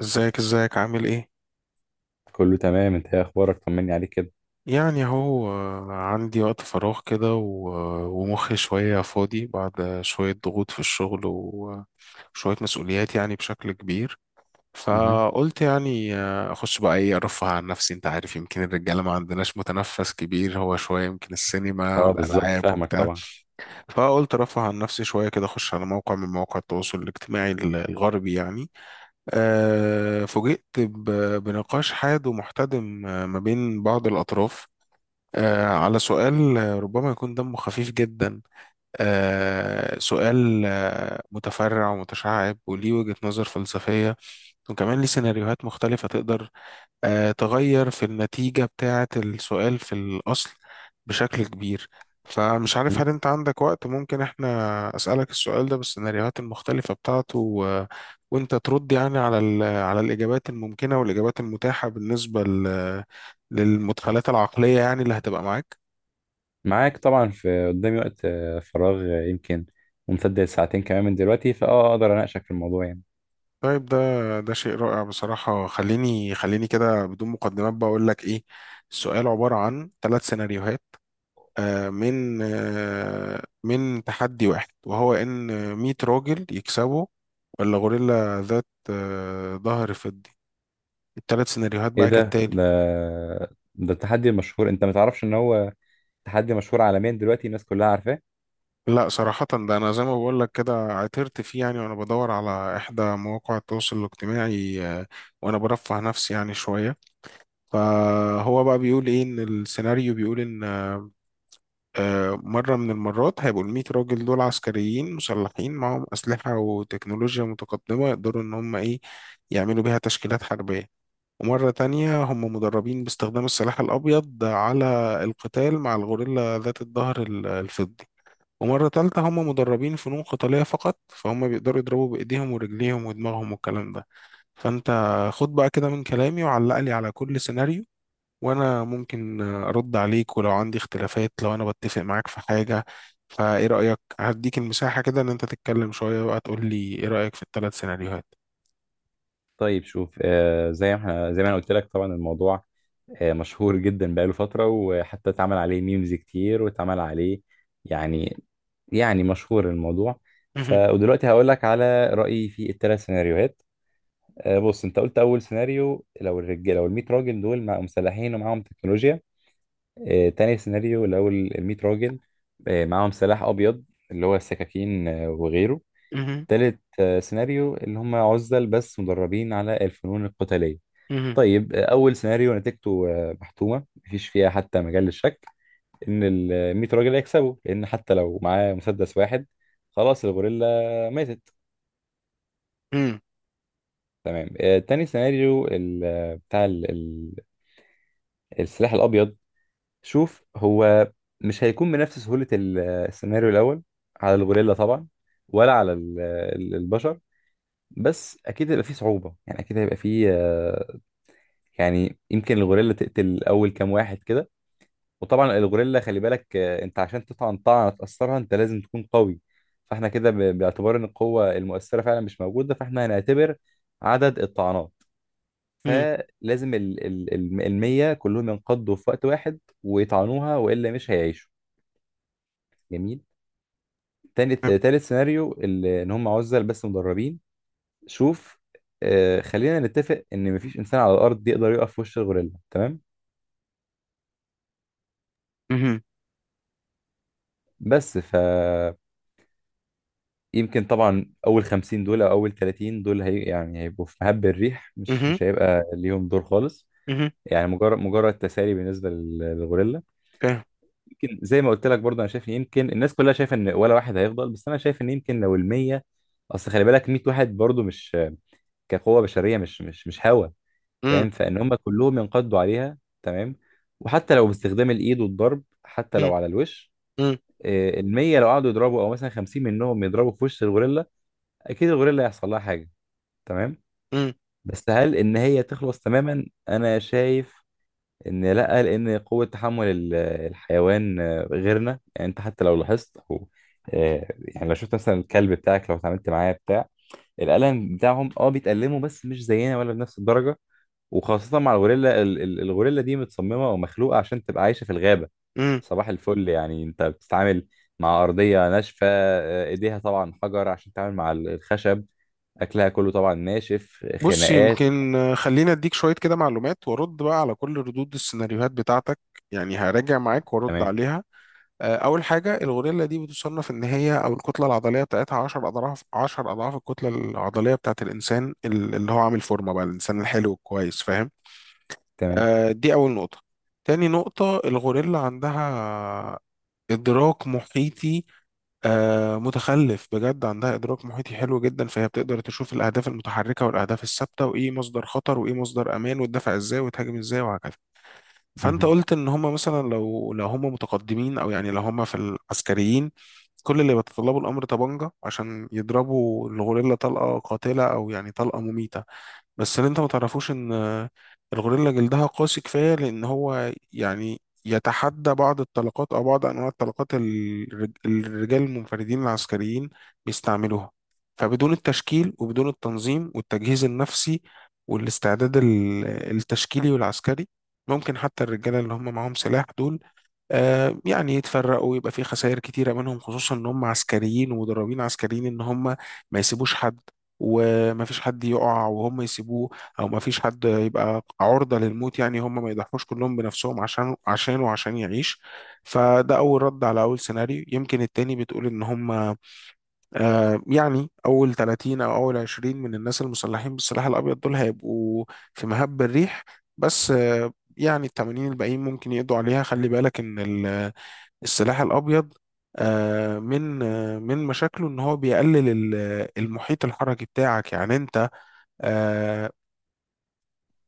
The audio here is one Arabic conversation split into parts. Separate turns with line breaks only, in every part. ازيك ازيك عامل ايه؟
كله تمام، انت ايه اخبارك؟ طمني عليك كده.
يعني اهو، عندي وقت فراغ كده ومخي شوية فاضي بعد شوية ضغوط في الشغل وشوية مسؤوليات يعني بشكل كبير.
مهم.
فقلت يعني، اخش بقى ايه ارفه عن نفسي، انت عارف يمكن الرجالة ما عندناش متنفس كبير، هو شوية يمكن السينما
اه بالظبط،
والالعاب
فاهمك
وبتاع.
طبعا.
فقلت ارفه عن نفسي شوية كده، اخش على موقع من مواقع التواصل الاجتماعي الغربي يعني. فوجئت بنقاش حاد ومحتدم، ما بين بعض الأطراف، على سؤال ربما يكون دمه خفيف جدا. سؤال متفرع ومتشعب وليه وجهة نظر فلسفية، وكمان ليه سيناريوهات مختلفة تقدر تغير في النتيجة بتاعة السؤال في الأصل بشكل كبير. فمش عارف
مهم.
هل أنت عندك وقت ممكن إحنا أسألك السؤال ده بالسيناريوهات المختلفة بتاعته و... وأنت ترد يعني على ال... على الإجابات الممكنة والإجابات المتاحة بالنسبة ل... للمدخلات العقلية يعني اللي هتبقى معاك.
معاك طبعا. في قدامي وقت فراغ يمكن ممتد لساعتين كمان من دلوقتي، فاه اقدر اناقشك في الموضوع يعني.
طيب ده، ده شيء رائع بصراحة. خليني كده بدون مقدمات بقول لك إيه. السؤال عبارة عن ثلاث سيناريوهات، من تحدي واحد، وهو ان 100 راجل يكسبوا ولا غوريلا ذات ظهر فضي. الثلاث سيناريوهات
ايه
بقى
ده؟
كالتالي:
ده التحدي المشهور، انت ما تعرفش ان هو تحدي مشهور عالميا دلوقتي، الناس كلها عارفاه.
لا صراحة ده، أنا زي ما بقول لك كده عثرت فيه يعني وأنا بدور على إحدى مواقع التواصل الاجتماعي، وأنا برفه نفسي يعني شوية. فهو بقى بيقول إيه، إن السيناريو بيقول إن مرة من المرات هيبقوا الميت راجل دول عسكريين مسلحين معاهم أسلحة وتكنولوجيا متقدمة يقدروا إن هم إيه، يعملوا بيها تشكيلات حربية. ومرة تانية هم مدربين باستخدام السلاح الأبيض على القتال مع الغوريلا ذات الظهر الفضي. ومرة تالتة هم مدربين فنون قتالية فقط، فهم بيقدروا يضربوا بإيديهم ورجليهم ودماغهم والكلام ده. فأنت خد بقى كده من كلامي وعلق لي على كل سيناريو، وانا ممكن ارد عليك ولو عندي اختلافات، لو انا بتفق معاك في حاجة. فايه رأيك هديك المساحة كده ان انت تتكلم شوية بقى، تقول لي ايه رأيك في الثلاث سيناريوهات؟
طيب شوف، زي ما احنا، زي ما انا قلت لك، طبعا الموضوع مشهور جدا بقاله فترة، وحتى اتعمل عليه ميمز كتير واتعمل عليه يعني، يعني مشهور الموضوع.
مهم.
ودلوقتي هقول لك على رأيي في الثلاث سيناريوهات. بص، انت قلت اول سيناريو لو الرجاله، لو ال 100 راجل دول مع مسلحين ومعاهم تكنولوجيا. تاني سيناريو لو ال 100 راجل معاهم سلاح ابيض، اللي هو السكاكين وغيره.
مهم.
تالت سيناريو اللي هم عزل بس مدربين على الفنون القتالية.
مهم.
طيب، اول سيناريو نتيجته محتومة، مفيش فيها حتى مجال للشك ان ال 100 راجل هيكسبوا، لان حتى لو معاه مسدس واحد، خلاص الغوريلا ماتت.
مهم.
تمام. تاني سيناريو بتاع السلاح الابيض، شوف، هو مش هيكون بنفس سهولة السيناريو الاول على الغوريلا طبعا، ولا على البشر، بس اكيد هيبقى فيه صعوبة يعني، اكيد هيبقى فيه يعني يمكن الغوريلا تقتل اول كام واحد كده. وطبعا الغوريلا خلي بالك، انت عشان تطعن طعنه تاثرها انت لازم تكون قوي. فاحنا كده باعتبار ان القوه المؤثره فعلا مش موجوده، فاحنا هنعتبر عدد الطعنات.
مهم.
فلازم المية كلهم ينقضوا في وقت واحد ويطعنوها، والا مش هيعيشوا. جميل. تاني تالت سيناريو ان هم عزل بس مدربين. شوف، خلينا نتفق ان مفيش انسان على الارض يقدر يقف في وش الغوريلا. تمام.
مهم.
بس ف يمكن طبعا اول 50 دول او اول 30 دول هي يعني هيبقوا في مهب الريح، مش
مهم.
مش هيبقى ليهم دور خالص.
مهم.
يعني مجرد تسالي بالنسبه للغوريلا.
فاهم.
يمكن زي ما قلت لك برضه، انا شايف ان يمكن الناس كلها شايفه ان ولا واحد هيفضل، بس انا شايف ان يمكن لو ال 100، اصل خلي بالك 100 واحد برضه، مش كقوه بشريه مش هوا،
مم،
فاهم؟ فان هم كلهم ينقضوا عليها تمام، وحتى لو باستخدام الايد والضرب، حتى
مم،
لو على الوش،
مم،
ال 100 لو قعدوا يضربوا، او مثلا 50 منهم يضربوا في وش الغوريلا، اكيد الغوريلا هيحصل لها حاجه. تمام.
مم،
بس هل ان هي تخلص تماما؟ انا شايف ان لا، لان قوة تحمل الحيوان غيرنا، يعني انت حتى لو لاحظت او يعني لو شفت مثلا الكلب بتاعك لو اتعاملت معاه بتاع، الألم بتاعهم اه بيتألموا بس مش زينا ولا بنفس الدرجة. وخاصة مع الغوريلا، الغوريلا دي متصممة ومخلوقة عشان تبقى عايشة في الغابة.
مم.
صباح الفل، يعني انت بتتعامل مع أرضية ناشفة، ايديها طبعا حجر عشان تتعامل مع الخشب، أكلها كله طبعا ناشف،
بص
خناقات.
يمكن، خلينا اديك شوية كده معلومات وارد بقى على كل ردود السيناريوهات بتاعتك، يعني هراجع معاك وارد
تمام.
عليها. أول حاجة، الغوريلا دي بتصنف إن هي أو الكتلة العضلية بتاعتها 10 أضعاف، 10 أضعاف الكتلة العضلية بتاعت الإنسان اللي هو عامل فورمة بقى، الإنسان الحلو الكويس، فاهم.
تمام.
دي أول نقطة. تاني نقطة، الغوريلا عندها إدراك محيطي، متخلف بجد، عندها إدراك محيطي حلو جدا، فهي بتقدر تشوف الأهداف المتحركة والأهداف الثابتة وإيه مصدر خطر وإيه مصدر أمان وتدافع إزاي وتهاجم إزاي وهكذا. فانت
مهم.
قلت ان هم مثلا، لو هم متقدمين او يعني لو هم في العسكريين، كل اللي بيتطلبوا الامر طبنجة عشان يضربوا الغوريلا طلقة قاتلة او يعني طلقة مميتة. بس اللي انت ما تعرفوش ان الغوريلا جلدها قاسي كفايه، لان هو يعني يتحدى بعض الطلقات او بعض انواع الطلقات الرجال المنفردين العسكريين بيستعملوها. فبدون التشكيل وبدون التنظيم والتجهيز النفسي والاستعداد التشكيلي والعسكري، ممكن حتى الرجاله اللي هم معاهم سلاح دول يعني يتفرقوا ويبقى في خسائر كتيرة منهم، خصوصا ان هم عسكريين ومدربين عسكريين ان هم ما يسيبوش حد، وما فيش حد يقع وهم يسيبوه، او ما فيش حد يبقى عرضة للموت يعني، هم ما يضحوش كلهم بنفسهم عشان عشان وعشان يعيش. فده اول رد على اول سيناريو. يمكن التاني بتقول ان هم يعني اول 30 او اول 20 من الناس المسلحين بالسلاح الابيض دول هيبقوا في مهب الريح، بس يعني ال 80 الباقيين ممكن يقضوا عليها. خلي بالك ان السلاح الابيض من مشاكله ان هو بيقلل المحيط الحركي بتاعك، يعني انت آه،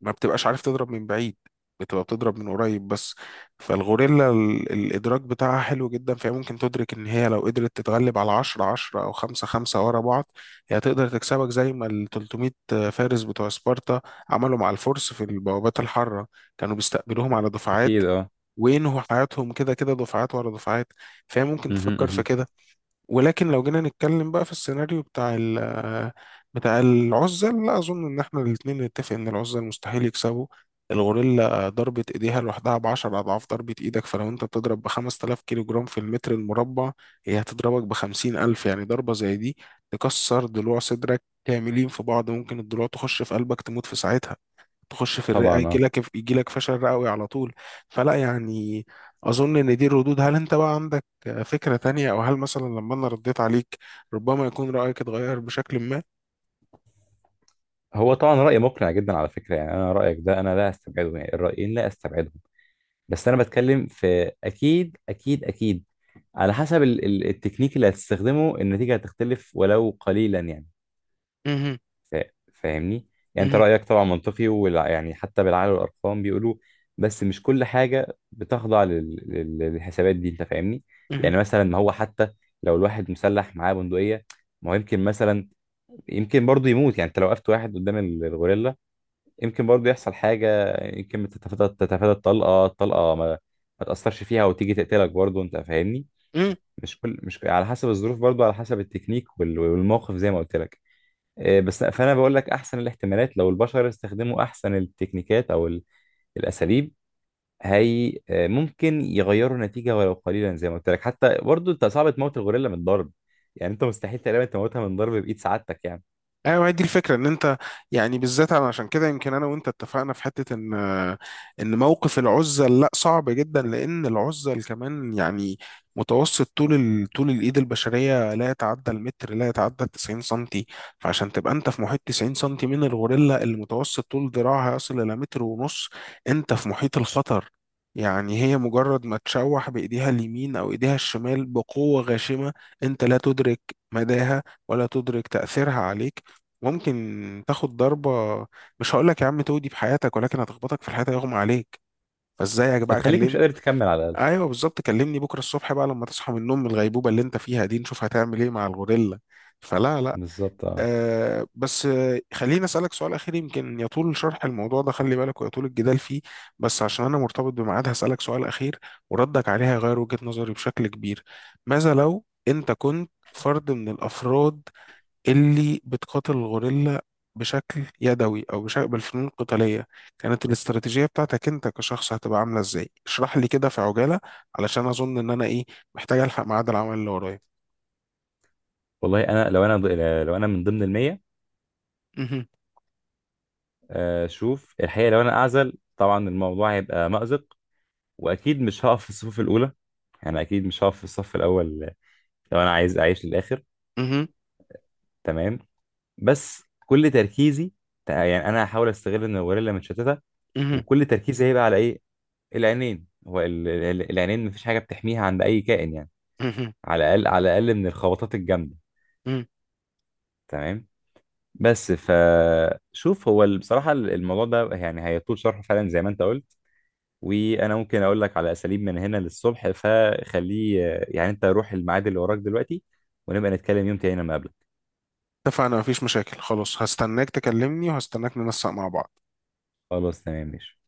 ما بتبقاش عارف تضرب من بعيد، بتبقى بتضرب من قريب بس. فالغوريلا الادراك بتاعها حلو جدا، فهي ممكن تدرك ان هي لو قدرت تتغلب على 10 او 5 ورا بعض، هي تقدر تكسبك زي ما ال 300 فارس بتوع سبارتا عملوا مع الفرس في البوابات الحاره، كانوا بيستقبلوهم على دفعات
اكيد اه.
وينهوا حياتهم كده، كده دفعات ورا دفعات. فهي ممكن
مهم،
تفكر في
مهم.
كده. ولكن لو جينا نتكلم بقى في السيناريو بتاع العزل، لا أظن إن إحنا الاتنين نتفق إن العزل مستحيل يكسبوا. الغوريلا ضربة إيديها لوحدها بعشر أضعاف ضربة إيدك، فلو أنت بتضرب بخمسة آلاف كيلو جرام في المتر المربع، هي هتضربك بخمسين ألف. يعني ضربة زي دي تكسر ضلوع صدرك كاملين في بعض، ممكن الضلوع تخش في قلبك تموت في ساعتها، تخش في الرئة
طبعا
يجي
اه.
لك يجي لك فشل رئوي على طول. فلا يعني، أظن إن دي الردود. هل أنت بقى عندك فكرة تانية، أو هل مثلا لما أنا رديت عليك ربما يكون رأيك اتغير بشكل ما؟
هو طبعا رأي مقنع جدا على فكرة، يعني انا رأيك ده انا لا استبعده، يعني الرأيين لا استبعدهم، بس انا بتكلم في، اكيد على حسب التكنيك اللي هتستخدمه النتيجة هتختلف ولو قليلا يعني.
مهم.
فا- فاهمني، يعني انت
مهم.
رأيك طبعا منطقي ولا يعني، حتى بالعقل والارقام بيقولوا. بس مش كل حاجة بتخضع للحسابات دي، انت فاهمني. يعني مثلا، ما هو حتى لو الواحد مسلح معاه بندقية، ما هو يمكن مثلا، يمكن برضو يموت، يعني انت لو وقفت واحد قدام الغوريلا يمكن برضو يحصل حاجة، يمكن تتفادى، تتفادى الطلقة ما ما تأثرش فيها وتيجي تقتلك برضو، انت فاهمني.
مهم.
مش كل، مش على حسب الظروف برضو، على حسب التكنيك وال- والموقف زي ما قلت لك. إيه، بس فانا بقول لك، احسن الاحتمالات لو البشر استخدموا احسن التكنيكات او الاساليب، هي ممكن يغيروا النتيجة ولو قليلا. زي ما قلت لك، حتى برضو انت صعب تموت الغوريلا من ضرب، يعني انت مستحيل تقريبا تموتها من ضرب بإيد سعادتك يعني.
ايوه هي دي الفكره، ان انت يعني بالذات. انا عشان كده يمكن انا وانت اتفقنا في حته، ان ان موقف العزل لا، صعب جدا، لان العزل كمان يعني متوسط طول ال... طول الايد البشريه لا يتعدى المتر، لا يتعدى 90 سنتي. فعشان تبقى انت في محيط 90 سنتي من الغوريلا اللي متوسط طول ذراعها يصل الى متر ونص، انت في محيط الخطر. يعني هي مجرد ما تشوح بإيديها اليمين أو إيديها الشمال بقوة غاشمة، أنت لا تدرك مداها ولا تدرك تأثيرها عليك. ممكن تاخد ضربة مش هقول لك يا عم تودي بحياتك، ولكن هتخبطك في الحياة يغمى عليك. فازيك بقى
هتخليك مش
كلمني.
قادر تكمل على.
ايوه بالظبط، كلمني بكرة الصبح بقى لما تصحى من النوم، من الغيبوبة اللي انت فيها دي، نشوف هتعمل ايه مع الغوريلا. فلا لا.
بالظبط اه.
آه بس آه، خليني اسألك سؤال اخير. يمكن يطول شرح الموضوع ده خلي بالك، ويطول الجدال فيه، بس عشان انا مرتبط بميعاد هسألك سؤال اخير وردك عليه هيغير وجهة نظري بشكل كبير. ماذا لو انت كنت فرد من الافراد اللي بتقاتل الغوريلا بشكل يدوي او بشكل بالفنون القتاليه، كانت الاستراتيجيه بتاعتك انت كشخص هتبقى عامله ازاي؟ اشرح لي كده في عجاله علشان اظن ان انا ايه، محتاج الحق ميعاد العمل اللي ورايا.
والله انا لو انا من ضمن المية،
مهم.
شوف الحقيقة، لو انا اعزل طبعا الموضوع هيبقى مأزق، واكيد مش هقف في الصفوف الاولى، يعني اكيد مش هقف في الصف الاول لو انا عايز اعيش للاخر.
مهم.
تمام. بس كل تركيزي يعني، انا هحاول استغل ان الغوريلا متشتتة،
مهم.
وكل تركيزي هيبقى على ايه؟ العينين. هو العينين مفيش حاجة بتحميها عند اي كائن يعني،
مهم.
على الاقل، على الاقل من الخبطات الجامدة.
مهم.
تمام. بس فشوف هو ال-، بصراحة الموضوع ده يعني هيطول شرحه فعلا زي ما انت قلت، وانا ممكن اقول لك على اساليب من هنا للصبح، فخليه يعني، انت روح الميعاد اللي وراك دلوقتي، ونبقى نتكلم يوم تاني لما اقابلك.
اتفقنا، مفيش مشاكل، خلاص هستناك تكلمني وهستناك ننسق مع بعض.
خلاص تمام ماشي.